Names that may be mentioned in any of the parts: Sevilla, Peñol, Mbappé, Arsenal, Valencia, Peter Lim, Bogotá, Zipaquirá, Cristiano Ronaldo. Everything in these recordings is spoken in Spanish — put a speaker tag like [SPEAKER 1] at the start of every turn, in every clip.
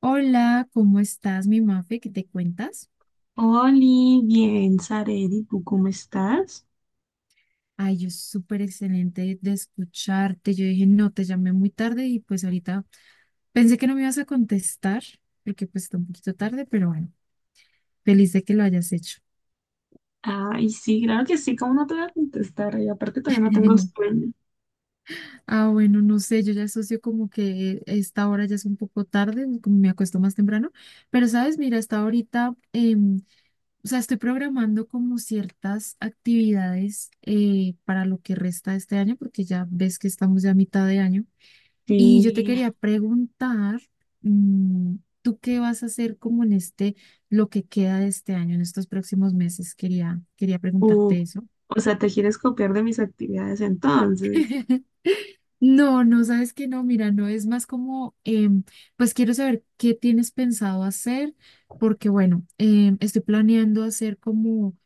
[SPEAKER 1] Hola, ¿cómo estás, mi Mafe? ¿Qué te cuentas?
[SPEAKER 2] Oli, bien, Saredi, ¿tú cómo estás?
[SPEAKER 1] Ay, yo súper excelente de escucharte. Yo dije, no, te llamé muy tarde y pues ahorita pensé que no me ibas a contestar porque pues está un poquito tarde, pero bueno, feliz de que lo hayas hecho.
[SPEAKER 2] Ay, sí, claro que sí, ¿cómo no te voy a contestar? Y aparte todavía no tengo sueño.
[SPEAKER 1] Ah, bueno, no sé, yo ya asocio como que esta hora ya es un poco tarde, como me acuesto más temprano, pero sabes, mira, hasta ahorita, o sea, estoy programando como ciertas actividades para lo que resta de este año, porque ya ves que estamos ya a mitad de año. Y yo te
[SPEAKER 2] Sí,
[SPEAKER 1] quería preguntar, mm, ¿tú qué vas a hacer como en este, lo que queda de este año, en estos próximos meses? Quería
[SPEAKER 2] uh,
[SPEAKER 1] preguntarte eso.
[SPEAKER 2] o sea, ¿te quieres copiar de mis actividades entonces?
[SPEAKER 1] No, no, sabes que no, mira, no es más como, pues quiero saber qué tienes pensado hacer, porque bueno, estoy planeando hacer como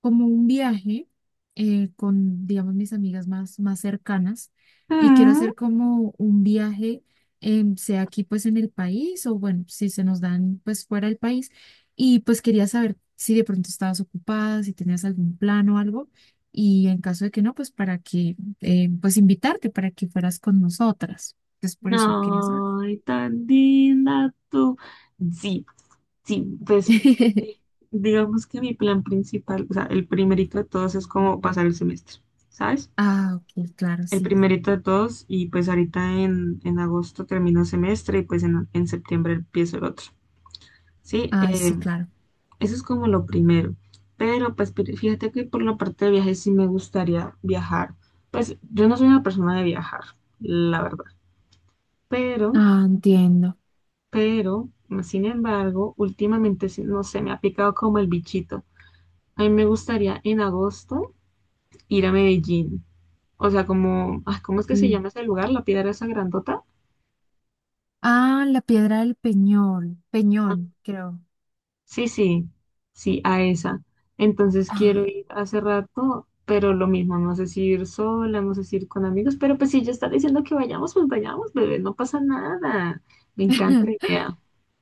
[SPEAKER 1] un viaje con, digamos, mis amigas más cercanas y quiero
[SPEAKER 2] Ah.
[SPEAKER 1] hacer como un viaje, sea aquí pues en el país o bueno, si se nos dan pues fuera del país y pues quería saber si de pronto estabas ocupada, si tenías algún plan o algo y en caso de que no, pues para que, pues invitarte para que fueras con nosotras. Entonces por eso quería saber.
[SPEAKER 2] Ay, tan linda tú. Sí, sí, pues digamos que mi plan principal, o sea, el primerito de todos es como pasar el semestre, ¿sabes?
[SPEAKER 1] Ah, ok, claro,
[SPEAKER 2] El
[SPEAKER 1] sí.
[SPEAKER 2] primerito de todos y pues ahorita en, agosto termino semestre y pues en septiembre empiezo el otro. Sí,
[SPEAKER 1] Ay, sí, claro.
[SPEAKER 2] eso es como lo primero. Pero pues fíjate que por la parte de viajes sí me gustaría viajar. Pues yo no soy una persona de viajar, la verdad. Pero,
[SPEAKER 1] Ah, entiendo.
[SPEAKER 2] pero, sin embargo, últimamente sí, no sé, me ha picado como el bichito. A mí me gustaría en agosto ir a Medellín. O sea, como, ah, ¿cómo es que se
[SPEAKER 1] Sí.
[SPEAKER 2] llama ese lugar? La piedra esa grandota.
[SPEAKER 1] Ah, la piedra del Peñón, creo.
[SPEAKER 2] Sí, sí, sí, a esa. Entonces
[SPEAKER 1] Ah,
[SPEAKER 2] quiero ir hace rato, pero lo mismo, no sé si ir sola, no sé si ir con amigos, pero pues si ella está diciendo que vayamos, pues vayamos, bebé, no pasa nada. Me encanta la idea.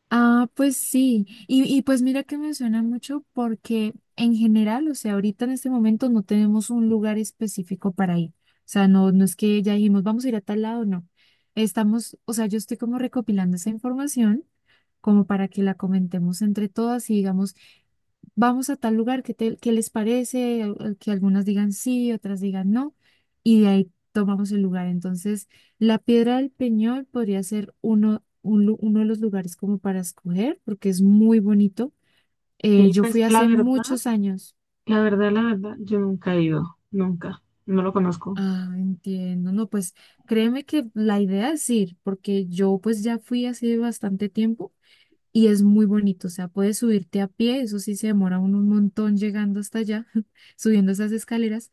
[SPEAKER 1] ah, pues sí. Y pues mira que me suena mucho porque en general, o sea, ahorita en este momento no tenemos un lugar específico para ir. O sea, no, no es que ya dijimos, vamos a ir a tal lado, no. Estamos, o sea, yo estoy como recopilando esa información como para que la comentemos entre todas y digamos, vamos a tal lugar, ¿qué les parece? Que algunas digan sí, otras digan no, y de ahí tomamos el lugar. Entonces, la Piedra del Peñol podría ser uno, uno de los lugares como para escoger, porque es muy bonito.
[SPEAKER 2] Sí,
[SPEAKER 1] Yo
[SPEAKER 2] pues
[SPEAKER 1] fui
[SPEAKER 2] la
[SPEAKER 1] hace
[SPEAKER 2] verdad,
[SPEAKER 1] muchos años.
[SPEAKER 2] la verdad, la verdad, yo nunca he ido, nunca, no lo conozco.
[SPEAKER 1] Ah, entiendo. No, pues créeme que la idea es ir, porque yo pues ya fui hace bastante tiempo y es muy bonito, o sea, puedes subirte a pie, eso sí se demora uno un montón llegando hasta allá, subiendo esas escaleras,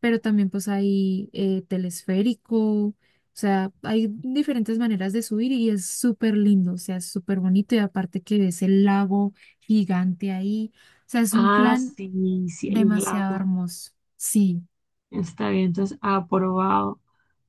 [SPEAKER 1] pero también pues hay telesférico, o sea, hay diferentes maneras de subir y es súper lindo, o sea, es súper bonito y aparte que ves el lago gigante ahí, o sea, es un
[SPEAKER 2] Ah,
[SPEAKER 1] plan
[SPEAKER 2] sí, sí, hay un
[SPEAKER 1] demasiado
[SPEAKER 2] lago.
[SPEAKER 1] hermoso, sí.
[SPEAKER 2] Está bien, entonces aprobado,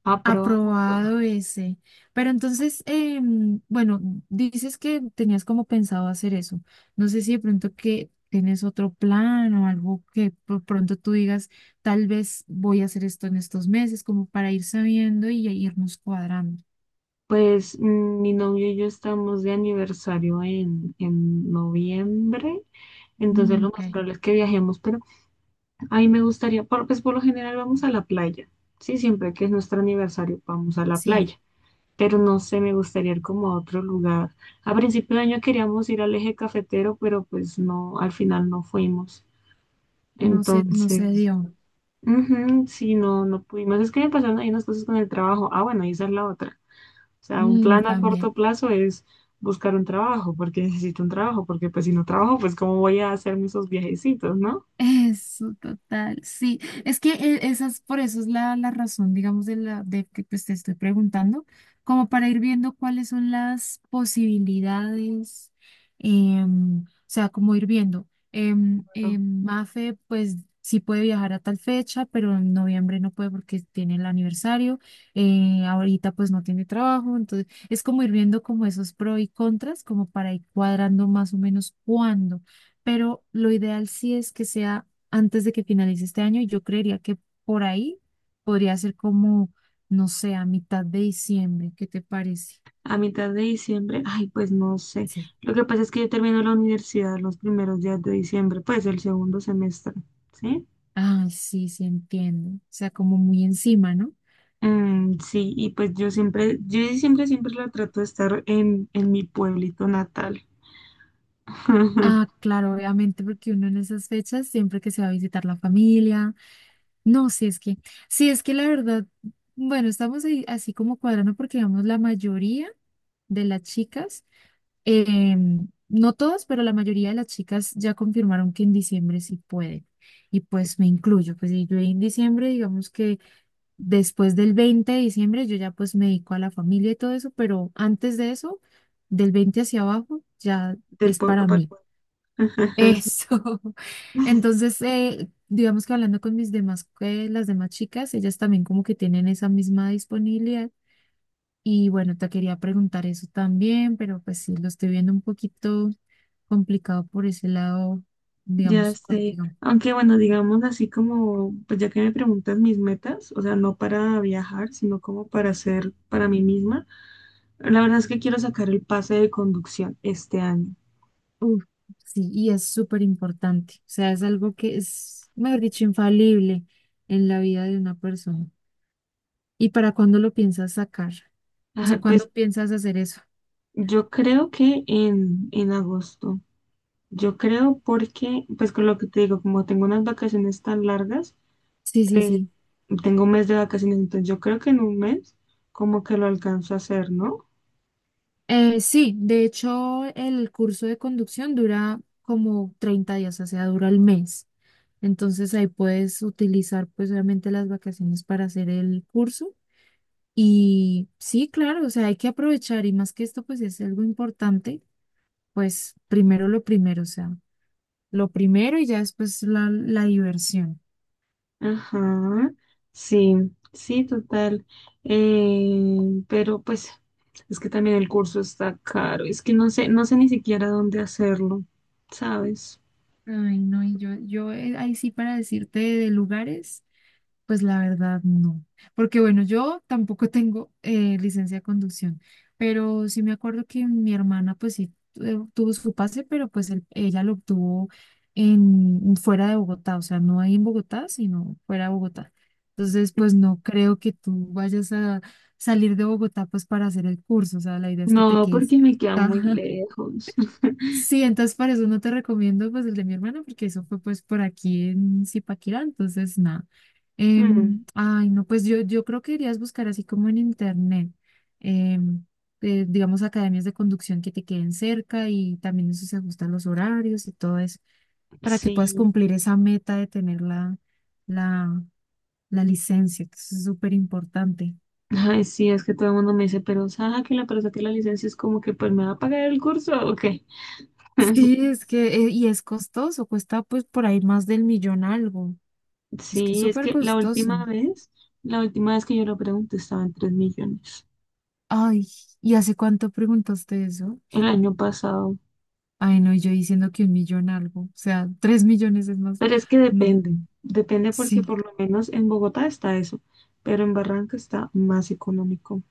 [SPEAKER 2] aprobado, aprobado.
[SPEAKER 1] Aprobado ese. Pero entonces, bueno, dices que tenías como pensado hacer eso. No sé si de pronto que tienes otro plan o algo que por pronto tú digas, tal vez voy a hacer esto en estos meses, como para ir sabiendo y ya irnos cuadrando.
[SPEAKER 2] Pues mi novio y yo estamos de aniversario en, noviembre. Entonces
[SPEAKER 1] Mm,
[SPEAKER 2] lo
[SPEAKER 1] ok,
[SPEAKER 2] más probable es que viajemos, pero ahí me gustaría, pues por lo general vamos a la playa, sí, siempre que es nuestro aniversario vamos a la
[SPEAKER 1] sí,
[SPEAKER 2] playa, pero no sé, me gustaría ir como a otro lugar. A principio de año queríamos ir al eje cafetero, pero pues no, al final no fuimos.
[SPEAKER 1] no sé, no se
[SPEAKER 2] Entonces,
[SPEAKER 1] dio.
[SPEAKER 2] ujú, sí, no, no pudimos. Es que me pasaron ahí unas cosas con el trabajo. Ah, bueno, y esa es la otra. O sea, un
[SPEAKER 1] Mm,
[SPEAKER 2] plan a corto
[SPEAKER 1] también.
[SPEAKER 2] plazo es buscar un trabajo, porque necesito un trabajo, porque pues si no trabajo, pues cómo voy a hacerme esos viajecitos, ¿no?
[SPEAKER 1] Eso, total. Sí, es que esa por eso es la, la razón, digamos, de la de que pues te estoy preguntando, como para ir viendo cuáles son las posibilidades, o sea, como ir viendo. Mafe, pues sí puede viajar a tal fecha, pero en noviembre no puede porque tiene el aniversario. Eh, ahorita pues no tiene trabajo, entonces es como ir viendo como esos pro y contras, como para ir cuadrando más o menos cuándo, pero lo ideal sí es que sea antes de que finalice este año y yo creería que por ahí podría ser como, no sé, a mitad de diciembre, ¿qué te parece?
[SPEAKER 2] A mitad de diciembre, ay, pues no sé.
[SPEAKER 1] Sí.
[SPEAKER 2] Lo que pasa es que yo termino la universidad los primeros días de diciembre, pues el segundo semestre, ¿sí?
[SPEAKER 1] Ay, sí, sí, entiendo. O sea, como muy encima, ¿no?
[SPEAKER 2] Mm, sí, y pues yo siempre, yo sí siempre, siempre la trato de estar en, mi pueblito natal.
[SPEAKER 1] Ah, claro, obviamente, porque uno en esas fechas, siempre que se va a visitar la familia, no, si es que, si es que la verdad, bueno, estamos ahí así como cuadrando porque, digamos, la mayoría de las chicas. Eh, no todas, pero la mayoría de las chicas ya confirmaron que en diciembre sí pueden. Y pues me incluyo, pues y yo en diciembre, digamos que después del 20 de diciembre, yo ya pues me dedico a la familia y todo eso, pero antes de eso, del 20 hacia abajo, ya
[SPEAKER 2] Del
[SPEAKER 1] es
[SPEAKER 2] pueblo
[SPEAKER 1] para
[SPEAKER 2] para el
[SPEAKER 1] mí.
[SPEAKER 2] pueblo.
[SPEAKER 1] Eso. Entonces, digamos que hablando con mis demás, las demás chicas, ellas también como que tienen esa misma disponibilidad. Y bueno, te quería preguntar eso también, pero pues sí, lo estoy viendo un poquito complicado por ese lado,
[SPEAKER 2] Ya
[SPEAKER 1] digamos,
[SPEAKER 2] sé,
[SPEAKER 1] contigo.
[SPEAKER 2] aunque bueno, digamos así como, pues ya que me preguntas mis metas, o sea, no para viajar, sino como para hacer para mí misma, la verdad es que quiero sacar el pase de conducción este año.
[SPEAKER 1] Uf, sí, y es súper importante. O sea, es algo que es, mejor dicho, infalible en la vida de una persona. ¿Y para cuándo lo piensas sacar? O sea,
[SPEAKER 2] Ajá, pues
[SPEAKER 1] ¿cuándo piensas hacer eso?
[SPEAKER 2] yo creo que en agosto. Yo creo porque, pues con lo que te digo, como tengo unas vacaciones tan largas,
[SPEAKER 1] Sí, sí,
[SPEAKER 2] eh,
[SPEAKER 1] sí.
[SPEAKER 2] tengo un mes de vacaciones, entonces yo creo que en un mes como que lo alcanzo a hacer, ¿no?
[SPEAKER 1] Sí, de hecho, el curso de conducción dura como 30 días, o sea, dura el mes. Entonces ahí puedes utilizar pues obviamente las vacaciones para hacer el curso. Y sí, claro, o sea, hay que aprovechar y más que esto, pues es algo importante, pues primero lo primero, o sea, lo primero y ya después la, la diversión.
[SPEAKER 2] Ajá, sí, sí, total. Eh, pero pues es que también el curso está caro, es que no sé, no sé ni siquiera dónde hacerlo, ¿sabes?
[SPEAKER 1] Ay, no, y yo ahí sí para decirte de lugares. Pues la verdad no, porque bueno, yo tampoco tengo licencia de conducción, pero sí me acuerdo que mi hermana pues sí tuvo su pase, pero pues ella lo obtuvo en, fuera de Bogotá, o sea, no ahí en Bogotá, sino fuera de Bogotá. Entonces, pues no creo que tú vayas a salir de Bogotá pues para hacer el curso, o sea, la idea es que te
[SPEAKER 2] No,
[SPEAKER 1] quedes
[SPEAKER 2] porque me queda muy
[SPEAKER 1] acá.
[SPEAKER 2] lejos.
[SPEAKER 1] Sí, entonces para eso no te recomiendo pues el de mi hermano porque eso fue pues por aquí en Zipaquirá, entonces nada.
[SPEAKER 2] Mm.
[SPEAKER 1] Ay, no, pues yo creo que irías buscar así como en internet, em, digamos academias de conducción que te queden cerca y también eso se ajustan los horarios y todo eso para que puedas
[SPEAKER 2] Sí.
[SPEAKER 1] cumplir esa meta de tener la, la licencia, que eso es súper importante.
[SPEAKER 2] Ay, sí, es que todo el mundo me dice, pero Saja, que la persona que la licencia es como que pues me va a pagar el curso, ¿o qué?
[SPEAKER 1] Sí, es que, y es costoso, cuesta pues por ahí más del millón algo, es que es
[SPEAKER 2] Sí, es
[SPEAKER 1] súper
[SPEAKER 2] que
[SPEAKER 1] costoso.
[SPEAKER 2] la última vez que yo lo pregunté estaba en 3 millones
[SPEAKER 1] Ay, ¿y hace cuánto preguntaste eso?
[SPEAKER 2] el año pasado.
[SPEAKER 1] Ay, no, y yo diciendo que un millón algo, o sea, 3 millones es más.
[SPEAKER 2] Pero es que
[SPEAKER 1] No,
[SPEAKER 2] depende, depende porque
[SPEAKER 1] sí.
[SPEAKER 2] por lo menos en Bogotá está eso, pero en Barranca está más económico.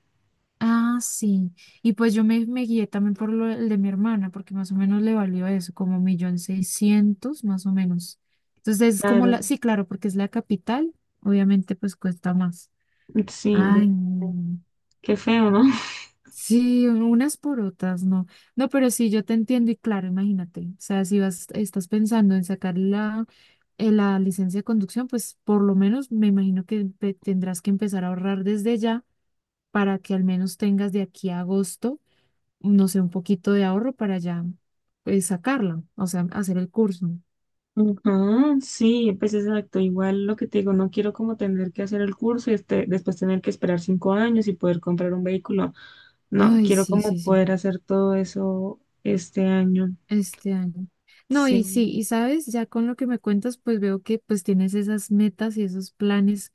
[SPEAKER 1] Ah, sí. Y pues yo me guié también por lo el de mi hermana, porque más o menos le valió eso, como 1.600.000, más o menos. Entonces es como la,
[SPEAKER 2] Claro,
[SPEAKER 1] sí, claro, porque es la capital, obviamente pues cuesta más.
[SPEAKER 2] sí, ya,
[SPEAKER 1] Ay, no.
[SPEAKER 2] qué feo, ¿no?
[SPEAKER 1] Sí, unas por otras, no. No, pero sí, yo te entiendo y claro, imagínate. O sea, si vas, estás pensando en sacar la, la licencia de conducción, pues por lo menos me imagino que tendrás que empezar a ahorrar desde ya para que al menos tengas de aquí a agosto, no sé, un poquito de ahorro para ya, pues, sacarla, o sea, hacer el curso.
[SPEAKER 2] Ujú, sí, pues exacto. Igual lo que te digo, no quiero como tener que hacer el curso y este, después tener que esperar 5 años y poder comprar un vehículo. No,
[SPEAKER 1] Ay,
[SPEAKER 2] quiero
[SPEAKER 1] sí,
[SPEAKER 2] como
[SPEAKER 1] sí, sí.
[SPEAKER 2] poder hacer todo eso este año.
[SPEAKER 1] Este año. No, y sí,
[SPEAKER 2] Sí,
[SPEAKER 1] y sabes, ya con lo que me cuentas, pues veo que pues tienes esas metas y esos planes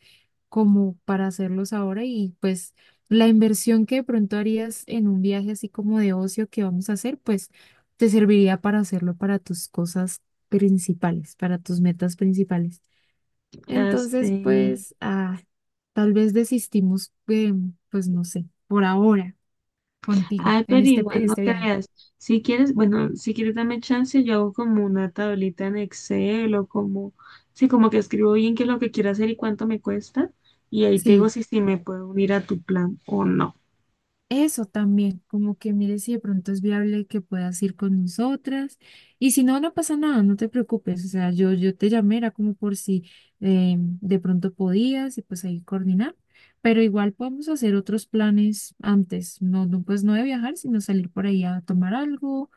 [SPEAKER 1] como para hacerlos ahora y pues la inversión que de pronto harías en un viaje así como de ocio que vamos a hacer, pues te serviría para hacerlo para tus cosas principales, para tus metas principales.
[SPEAKER 2] ya sé.
[SPEAKER 1] Entonces, pues, ah, tal vez desistimos, pues no sé, por ahora contigo
[SPEAKER 2] Ay,
[SPEAKER 1] en
[SPEAKER 2] pero
[SPEAKER 1] este,
[SPEAKER 2] igual
[SPEAKER 1] en
[SPEAKER 2] no
[SPEAKER 1] este viaje.
[SPEAKER 2] creas. Si quieres, bueno, si quieres dame chance, yo hago como una tablita en Excel o como, sí, como que escribo bien qué es lo que quiero hacer y cuánto me cuesta. Y ahí te digo
[SPEAKER 1] Sí.
[SPEAKER 2] si, si me puedo unir a tu plan o no.
[SPEAKER 1] Eso también, como que mire si de pronto es viable que puedas ir con nosotras. Y si no, no pasa nada, no te preocupes. O sea, yo te llamé, era como por si de pronto podías y pues ahí coordinar. Pero igual podemos hacer otros planes antes, no, no, pues no de viajar, sino salir por ahí a tomar algo,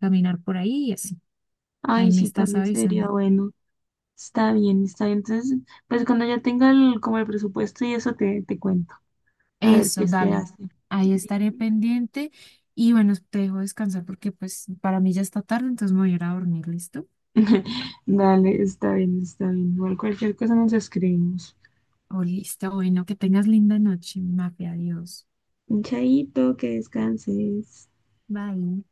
[SPEAKER 1] caminar por ahí y así. Ahí
[SPEAKER 2] Ay,
[SPEAKER 1] me
[SPEAKER 2] sí,
[SPEAKER 1] estás
[SPEAKER 2] también sería
[SPEAKER 1] avisando.
[SPEAKER 2] bueno. Está bien, está bien. Entonces, pues cuando ya tenga el, como el presupuesto y eso te, te cuento. A ver
[SPEAKER 1] Eso,
[SPEAKER 2] qué se
[SPEAKER 1] dale.
[SPEAKER 2] hace.
[SPEAKER 1] Ahí estaré pendiente. Y bueno, te dejo descansar porque pues para mí ya está tarde, entonces me voy a ir a dormir, ¿listo?
[SPEAKER 2] Dale, está bien, está bien. Igual cualquier cosa nos escribimos.
[SPEAKER 1] Oh, listo, bueno, que tengas linda noche, mafia, adiós.
[SPEAKER 2] Chaito, que descanses.
[SPEAKER 1] Bye.